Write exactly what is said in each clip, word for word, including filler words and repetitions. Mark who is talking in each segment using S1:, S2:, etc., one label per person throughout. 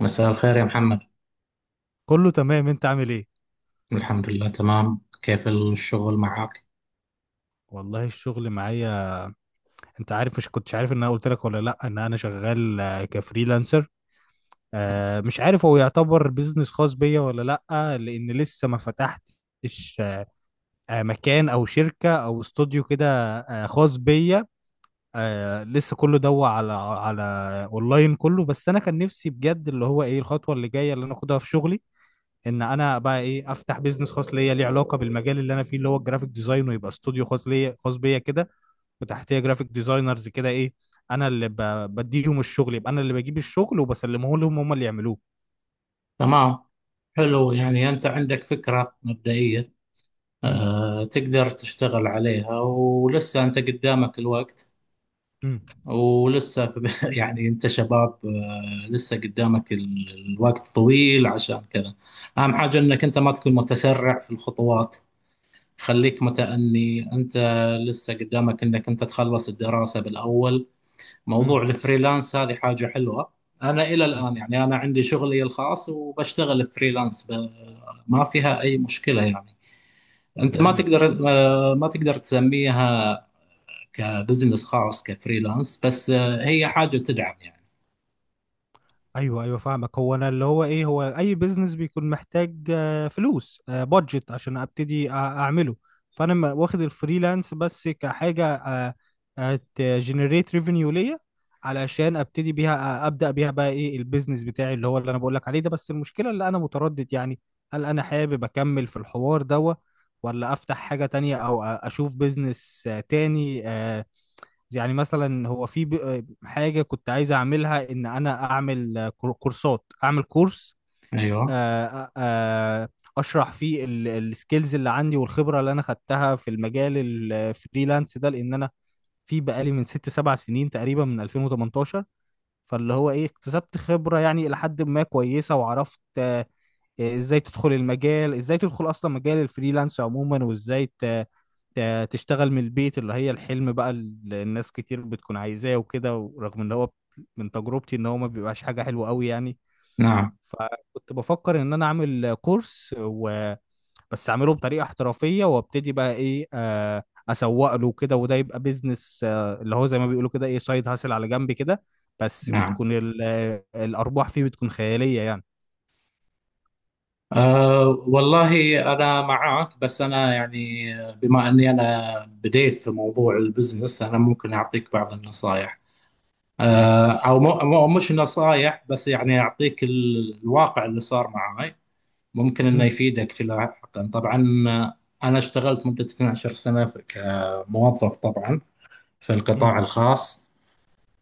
S1: مساء الخير يا محمد.
S2: كله تمام، انت عامل ايه؟
S1: الحمد لله تمام، كيف الشغل معك؟
S2: والله الشغل معايا. انت عارف، مش كنتش عارف ان انا قلت لك ولا لا ان انا شغال، آه، كفريلانسر. آه، مش عارف هو يعتبر بيزنس خاص بيا ولا لا، لان لسه ما فتحتش آه، مكان او شركة او استوديو كده، آه، خاص بيا. آه، لسه كله دوا على على اونلاين كله. بس انا كان نفسي بجد اللي هو ايه الخطوة اللي جاية اللي انا اخدها في شغلي، ان انا بقى ايه افتح بيزنس خاص ليا ليه علاقة بالمجال اللي انا فيه اللي هو الجرافيك ديزاين، ويبقى استوديو خاص ليا خاص بيا كده، وتحتيه جرافيك ديزاينرز كده ايه. انا اللي ب... بديهم الشغل، يبقى انا اللي بجيب الشغل وبسلمه لهم هم اللي يعملوه.
S1: تمام، حلو. يعني أنت عندك فكرة مبدئية،
S2: امم
S1: أه، تقدر تشتغل عليها ولسه أنت قدامك الوقت.
S2: امم
S1: ولسه في يعني أنت شباب، أه، لسه قدامك ال- الوقت طويل عشان كذا. أهم حاجة أنك أنت ما تكون متسرع في الخطوات، خليك متأني. أنت لسه قدامك أنك أنت تخلص الدراسة بالأول. موضوع
S2: امم
S1: الفريلانس هذه حاجة حلوة. أنا إلى الآن يعني أنا عندي شغلي الخاص وبشتغل فريلانس ب... ما فيها أي مشكلة يعني. أنت ما
S2: جميل.
S1: تقدر، ما تقدر تسميها كبزنس خاص، كفريلانس، بس هي حاجة تدعم يعني.
S2: ايوه ايوه، فاهمك. هو انا اللي هو ايه، هو اي بيزنس بيكون محتاج آه، فلوس بادجت عشان ابتدي أ- اعمله. فانا م- واخد الفريلانس بس كحاجه تجنريت ريفينيو ليا علشان ابتدي بيها، آه، ابدا بيها بقى ايه البيزنس بتاعي اللي هو اللي انا بقول لك عليه ده. بس المشكله اللي انا متردد يعني هل انا حابب اكمل في الحوار دوا ولا افتح حاجه تانية، او أ- اشوف بيزنس آه، تاني آه، يعني. مثلا هو في ب- حاجة كنت عايز أعملها، إن أنا أعمل كور- كورسات، أعمل كورس.
S1: أيوه.
S2: آه، آه، أشرح فيه السكيلز اللي عندي والخبرة اللي أنا خدتها في المجال الفريلانس ده. لأن أنا في بقالي من ست سبع سنين تقريبا من ألفين وتمنتاشر، فاللي هو إيه، اكتسبت خبرة يعني إلى حد ما كويسة، وعرفت إيه، ازاي تدخل المجال، ازاي تدخل اصلا مجال الفريلانس عموما، وازاي ت... ت- تشتغل من البيت اللي هي الحلم بقى اللي الناس كتير بتكون عايزاه وكده. ورغم ان هو من تجربتي ان هو ما بيبقاش حاجة حلوة قوي يعني.
S1: نعم.
S2: فكنت بفكر ان انا اعمل كورس و... بس اعمله بطريقة احترافية، وابتدي بقى ايه آه، اسوق له كده، وده يبقى بيزنس، آه، اللي هو زي ما بيقولوا كده ايه سايد هاسل على جنب كده. بس
S1: نعم.
S2: بتكون ال... آه، الارباح فيه بتكون خيالية يعني.
S1: أه والله أنا معاك، بس أنا يعني بما أني أنا بديت في موضوع البزنس، أنا ممكن أعطيك بعض النصائح. آه، او
S2: ماشي.
S1: مو مو- مش نصايح، بس يعني يعطيك ال- الواقع اللي صار معاي. ممكن انه
S2: مم.
S1: يفيدك في لاحقا طبعا. آه، انا اشتغلت مدة اثنا عشر سنة في- كموظف طبعا في
S2: مم.
S1: القطاع الخاص.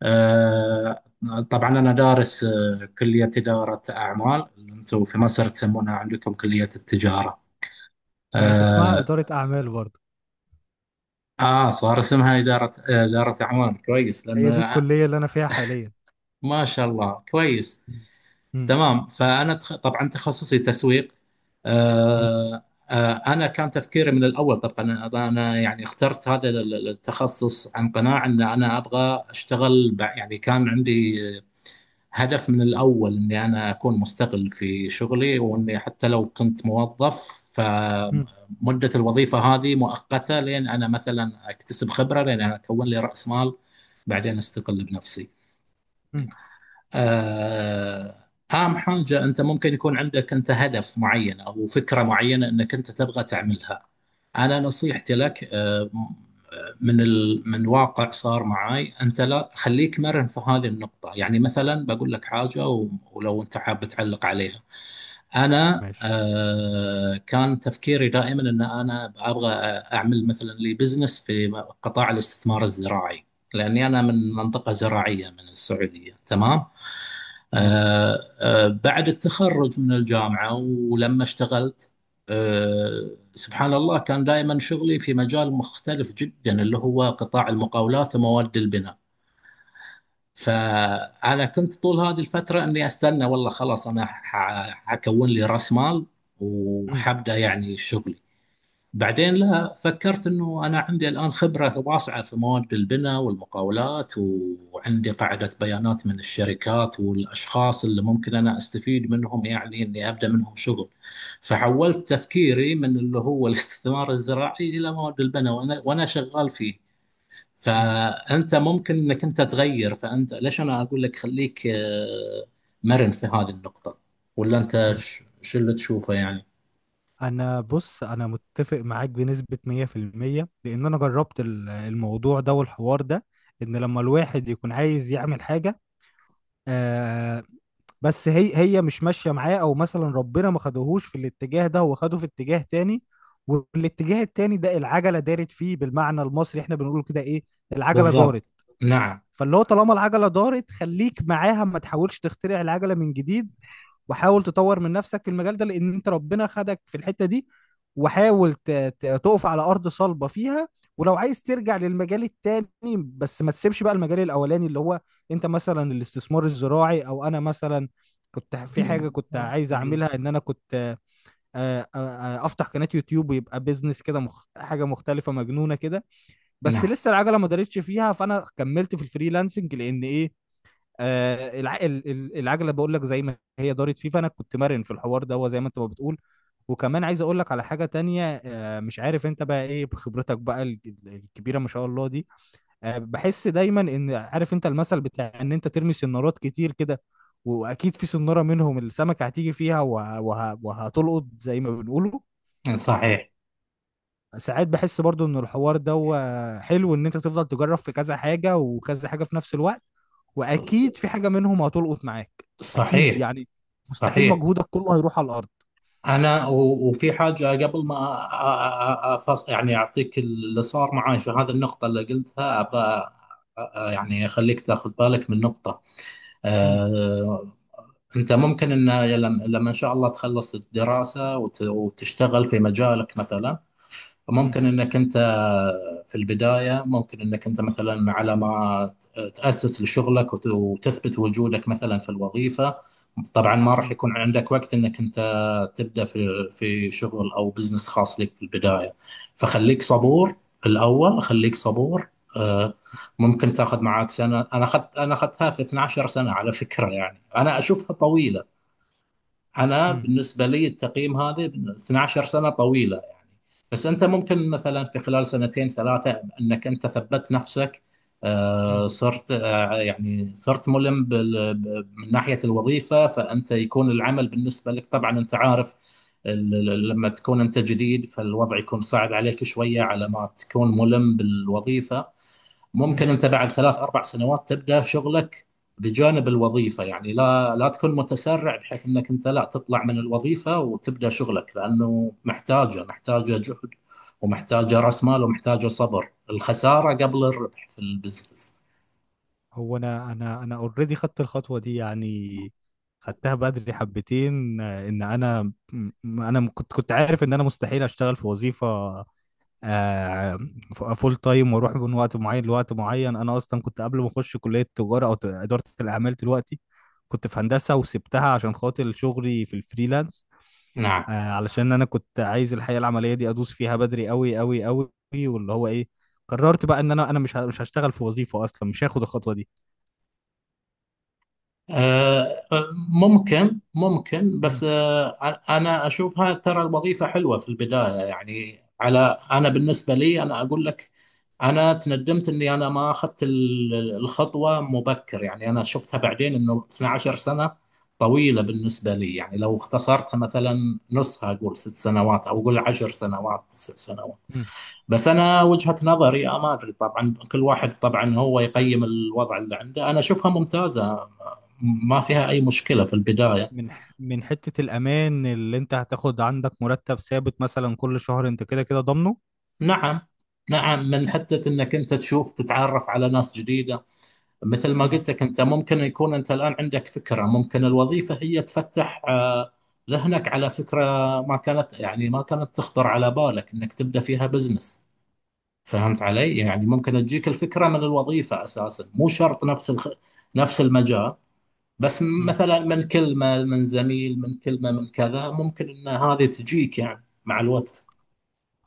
S1: آه، طبعا انا دارس، آه، كلية إدارة اعمال، اللي انتم في مصر تسمونها عندكم كلية التجارة.
S2: بقت اسمها
S1: اه،
S2: إدارة أعمال برضه.
S1: آه، صار اسمها إدارة، آه، إدارة اعمال. كويس لان،
S2: هي دي
S1: آه،
S2: الكلية اللي أنا فيها حاليا.
S1: ما شاء الله، كويس.
S2: مم. مم.
S1: تمام، فانا تخ... طبعا تخصصي تسويق.
S2: مم.
S1: آه. آه، انا كان تفكيري من الاول. طبعا انا أنا يعني اخترت هذا ال- ال- التخصص عن قناعه ان انا ابغى اشتغل بع- يعني كان عندي هدف من الاول اني انا اكون مستقل في شغلي، واني حتى لو كنت موظف
S2: مم.
S1: فمده الوظيفه هذه مؤقته لين انا مثلا اكتسب خبره، لين انا اكون لي راس مال بعدين استقل بنفسي.
S2: مم.
S1: آه، أهم حاجة أنت ممكن يكون عندك أنت هدف معين أو فكرة معينة أنك أنت تبغى تعملها. أنا نصيحتي لك، آه، من ال... من واقع صار معاي، انت لا، خليك مرن في هذه النقطه. يعني مثلا بقول لك حاجه و... ولو انت حاب تعلق عليها. انا
S2: ماشي.
S1: آه، كان تفكيري دائما ان انا ابغى اعمل مثلا لي بزنس في قطاع الاستثمار الزراعي، لاني انا من منطقه زراعيه من السعوديه. تمام،
S2: ماشي.
S1: آه، آه، بعد التخرج من الجامعه ولما اشتغلت، أه سبحان الله، كان دائما شغلي في مجال مختلف جدا، اللي هو قطاع المقاولات ومواد البناء. فأنا كنت طول هذه الفترة أني أستنى، والله خلاص أنا ح- حكون لي رأس مال
S2: مم.
S1: وحبدأ يعني شغلي. بعدين لا، فكرت انه انا عندي الان خبره واسعه في مواد البناء والمقاولات، وعندي قاعده بيانات من الشركات والاشخاص اللي ممكن انا استفيد منهم، يعني اني ابدا منهم شغل. فحولت تفكيري من اللي هو الاستثمار الزراعي الى مواد البناء، وانا وانا شغال فيه.
S2: مم.
S1: فانت ممكن انك انت تغير. فانت ليش انا اقول لك خليك، آه، مرن في هذه النقطه؟ ولا انت
S2: مم.
S1: ش- شو اللي تشوفه يعني؟
S2: أنا بص، أنا متفق معاك بنسبة مية بالمية لأن أنا جربت ال- الموضوع ده والحوار ده. إن لما الواحد يكون عايز يعمل حاجة آه، بس هي هي مش ماشية معاه، أو مثلا ربنا ما خدهوش في الاتجاه ده، هو خده في اتجاه تاني. والاتجاه التاني ده العجلة دارت فيه. بالمعنى المصري احنا بنقول كده إيه، العجلة دارت.
S1: بالضبط. نعم.
S2: فاللي هو طالما العجله دارت خليك معاها، ما تحاولش تخترع العجله من جديد. وحاول تطور من نفسك في المجال ده، لان انت ربنا خدك في الحته دي. وحاول ت- ت- تقف على ارض صلبه فيها. ولو عايز ترجع للمجال التاني، بس ما تسيبش بقى المجال الاولاني اللي هو انت مثلا الاستثمار الزراعي، او انا مثلا كنت في حاجه كنت عايز اعملها، ان انا كنت آه، آه، آه، افتح قناه يوتيوب، ويبقى بيزنس كده مخ... حاجه مختلفه مجنونه كده. بس
S1: نعم.
S2: لسه العجله ما دارتش فيها، فانا كملت في الفريلانسنج لان ايه، آه الع... ال- ال- العجله بقول لك زي ما هي دارت فيه، فانا كنت مرن في الحوار ده، هو زي ما انت ما بتقول. وكمان عايز اقول لك على حاجه تانية، آه مش عارف انت بقى ايه بخبرتك بقى ال- ال- الكبيره ما شاء الله دي. آه بحس دايما ان، عارف انت المثل بتاع ان انت ترمي سنارات كتير كده، واكيد في سناره منهم السمكه هتيجي فيها وه... وه... وهتلقط زي ما بنقوله.
S1: صحيح.
S2: ساعات بحس برضو ان الحوار ده هو حلو ان انت تفضل تجرب في كذا حاجة وكذا حاجة في نفس الوقت، واكيد في حاجة منهم هتلقط معاك، اكيد
S1: صحيح.
S2: يعني. مستحيل
S1: صحيح.
S2: مجهودك كله هيروح على الارض.
S1: أنا، و- وفي حاجة قبل ما أ- أ- أ- أفص، يعني أعطيك اللي صار معي في هذه النقطة اللي قلتها، أبغى أ- يعني أخليك تاخذ بالك من نقطة.
S2: مم،
S1: أه، أنت ممكن أن لما لما إن شاء الله تخلص الدراسة وت- وتشتغل في مجالك مثلا،
S2: مم،
S1: ممكن انك انت في البدايه، ممكن انك انت مثلا على ما تاسس لشغلك وت- وتثبت وجودك مثلا في الوظيفه، طبعا ما راح
S2: مم،
S1: يكون عندك وقت انك انت تبدا في في شغل او بزنس خاص لك في البدايه. فخليك
S2: مم،
S1: صبور الاول، خليك صبور. آه، ممكن تاخذ معاك سنه. انا اخذت، انا اخذتها في اثنا عشر سنه على فكره، يعني انا اشوفها طويله. انا
S2: مم،
S1: بالنسبه لي التقييم هذا اتناشر سنه طويله يعني. بس انت ممكن مثلا في خلال سنتين ثلاثه انك انت ثبت نفسك،
S2: مم،
S1: آه، صرت، آه، يعني صرت ملم بال- ب- من ناحيه الوظيفه. فانت يكون العمل بالنسبه لك، طبعا انت عارف، ال- ال- لما تكون انت جديد فالوضع يكون صعب عليك شويه على ما تكون ملم بالوظيفه.
S2: مم.
S1: ممكن انت بعد ثلاث اربع سنوات تبدا شغلك بجانب الوظيفه، يعني لا، لا تكون متسرع بحيث انك انت لا تطلع من الوظيفه وتبدا شغلك، لانه محتاجه محتاجه جهد ومحتاجه راس مال ومحتاجه صبر الخساره قبل الربح في البزنس.
S2: هو انا انا انا اوريدي خدت الخطوة دي يعني. خدتها بدري حبتين، آه، ان انا م- انا م- كنت كنت عارف ان انا مستحيل اشتغل في وظيفة آه، فول تايم واروح من وقت معين لوقت معين. انا اصلا كنت قبل ما اخش كليه التجاره او ت- اداره الاعمال دلوقتي، كنت في هندسه وسبتها عشان خاطر شغلي في الفريلانس.
S1: نعم.
S2: آه، علشان انا كنت عايز الحياه العمليه دي ادوس فيها بدري قوي قوي قوي، واللي هو ايه، قررت بقى ان انا انا مش ه- مش هشتغل في وظيفه اصلا، مش هاخد الخطوه دي.
S1: آه، ممكن ممكن
S2: مم.
S1: بس، آه، أنا أشوفها ترى الوظيفة حلوة في البداية يعني، على، أنا بالنسبة لي أنا أقول لك، أنا تندمت إني أنا ما أخذت ال- الخطوة مبكر. يعني أنا شفتها بعدين إنه اثنا عشر سنة طويلة بالنسبة لي يعني، لو اختصرتها مثلا نصها أقول ست سنوات، أو أقول عشر سنوات، تسع سنوات.
S2: مم.
S1: بس انا وجهة نظري، آه، ما ادري طبعا، كل واحد طبعا هو يقيم الوضع اللي عنده. انا اشوفها ممتازة، ما فيها اي مشكلة في البداية.
S2: من ح- من حته الامان اللي انت هتاخد عندك مرتب ثابت مثلا كل شهر، انت كده كده ضامنه.
S1: نعم. نعم، من حتة انك انت تشوف، تتعرف على ناس جديدة. مثل ما
S2: مم.
S1: قلت لك، انت ممكن يكون انت الان عندك فكرة، ممكن الوظيفة هي تفتح، آه، ذهنك على فكرة ما كانت يعني ما كانت تخطر على بالك انك تبدأ فيها بزنس. فهمت علي؟ يعني ممكن تجيك الفكرة من الوظيفة اساسا، مو شرط نفس الخ... نفس المجال. بس
S2: مم.
S1: مثلا من كلمة من زميل، من كلمة من كذا، ممكن ان هذه تجيك يعني مع الوقت.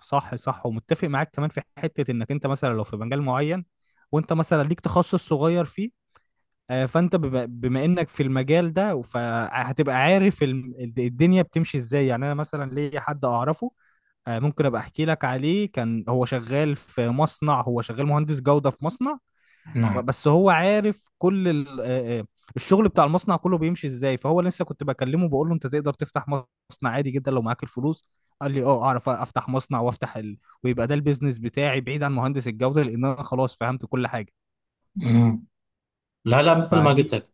S2: صح صح، ومتفق معاك كمان في حتة انك انت مثلا لو في مجال معين، وانت مثلا ليك تخصص صغير فيه آه، فانت بما بما انك في المجال ده فهتبقى عارف الم- الدنيا بتمشي ازاي. يعني انا مثلا ليا حد اعرفه، آه، ممكن ابقى احكي لك عليه. كان هو شغال في مصنع، هو شغال مهندس جودة في مصنع.
S1: نعم.
S2: فبس هو عارف كل ال- آه، آه، الشغل بتاع المصنع كله بيمشي ازاي. فهو لسه كنت بكلمه بقول له انت تقدر تفتح مصنع عادي جدا لو معاك الفلوس. قال لي اه، اعرف افتح مصنع وافتح ال... ويبقى ده البيزنس بتاعي بعيد عن مهندس الجودة، لان انا خلاص فهمت كل حاجة.
S1: مم. لا لا، مثل ما قلت
S2: فدي.
S1: لك،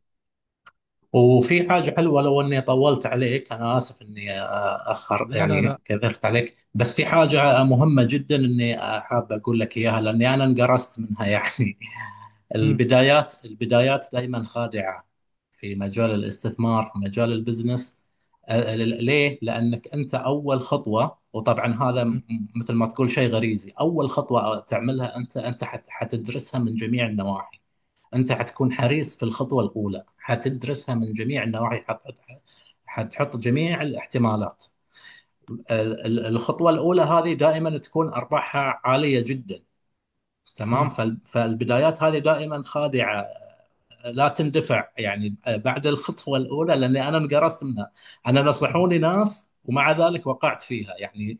S1: وفي حاجة حلوة. لو إني طولت عليك أنا آسف، إني آه، أخر
S2: لا لا لا.
S1: يعني كثرت عليك، بس في حاجة مهمة جدا إني، آه، حاب أقول لك إياها، لأني أنا انقرصت منها يعني.
S2: مم،
S1: البدايات البدايات دائما خادعة في مجال الاستثمار، في مجال البزنس. آه، ل- ليه؟ لأنك أنت أول خطوة، وطبعا هذا
S2: مم،
S1: م- مثل ما تقول شيء غريزي، أول خطوة تعملها أنت، أنت حت- حتدرسها من جميع النواحي. أنت حتكون حريص في الخطوة الأولى، حتدرسها من جميع النواحي، حت- حتحط جميع الاحتمالات. ال- ال- الخطوة الأولى هذه دائما تكون أرباحها عالية جدا. تمام،
S2: مم،
S1: فال- فالبدايات هذه دائما خادعة. لا تندفع يعني بعد الخطوة الأولى، لأني أنا انقرصت منها. أنا نصحوني ناس ومع ذلك وقعت فيها يعني.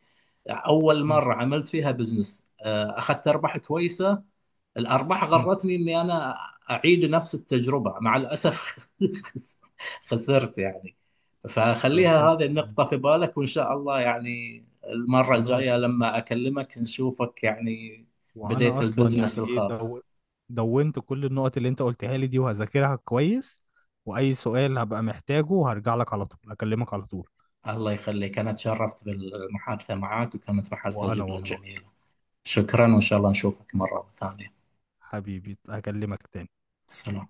S1: أول
S2: مم،
S1: مرة عملت فيها بزنس، آه، أخذت أرباح كويسة. الارباح
S2: مم.
S1: غرتني اني انا اعيد نفس التجربه، مع الاسف خسرت يعني. فخليها
S2: ربنا
S1: هذه
S2: يعوض.
S1: النقطه في بالك، وان شاء الله يعني المره الجايه
S2: خلاص.
S1: لما اكلمك نشوفك يعني،
S2: وانا
S1: بديت
S2: اصلا
S1: البزنس
S2: يعني ايه
S1: الخاص.
S2: دو... دونت كل النقط اللي انت قلتها لي دي، وهذاكرها كويس. واي سؤال هبقى محتاجه هرجع لك على طول، اكلمك على طول.
S1: الله يخليك، انا تشرفت بالمحادثه معك وكانت محادثه
S2: وانا
S1: جدا
S2: والله،
S1: جميله. شكرا وان شاء الله نشوفك مره ثانيه.
S2: حبيبي هكلمك تاني.
S1: سلام.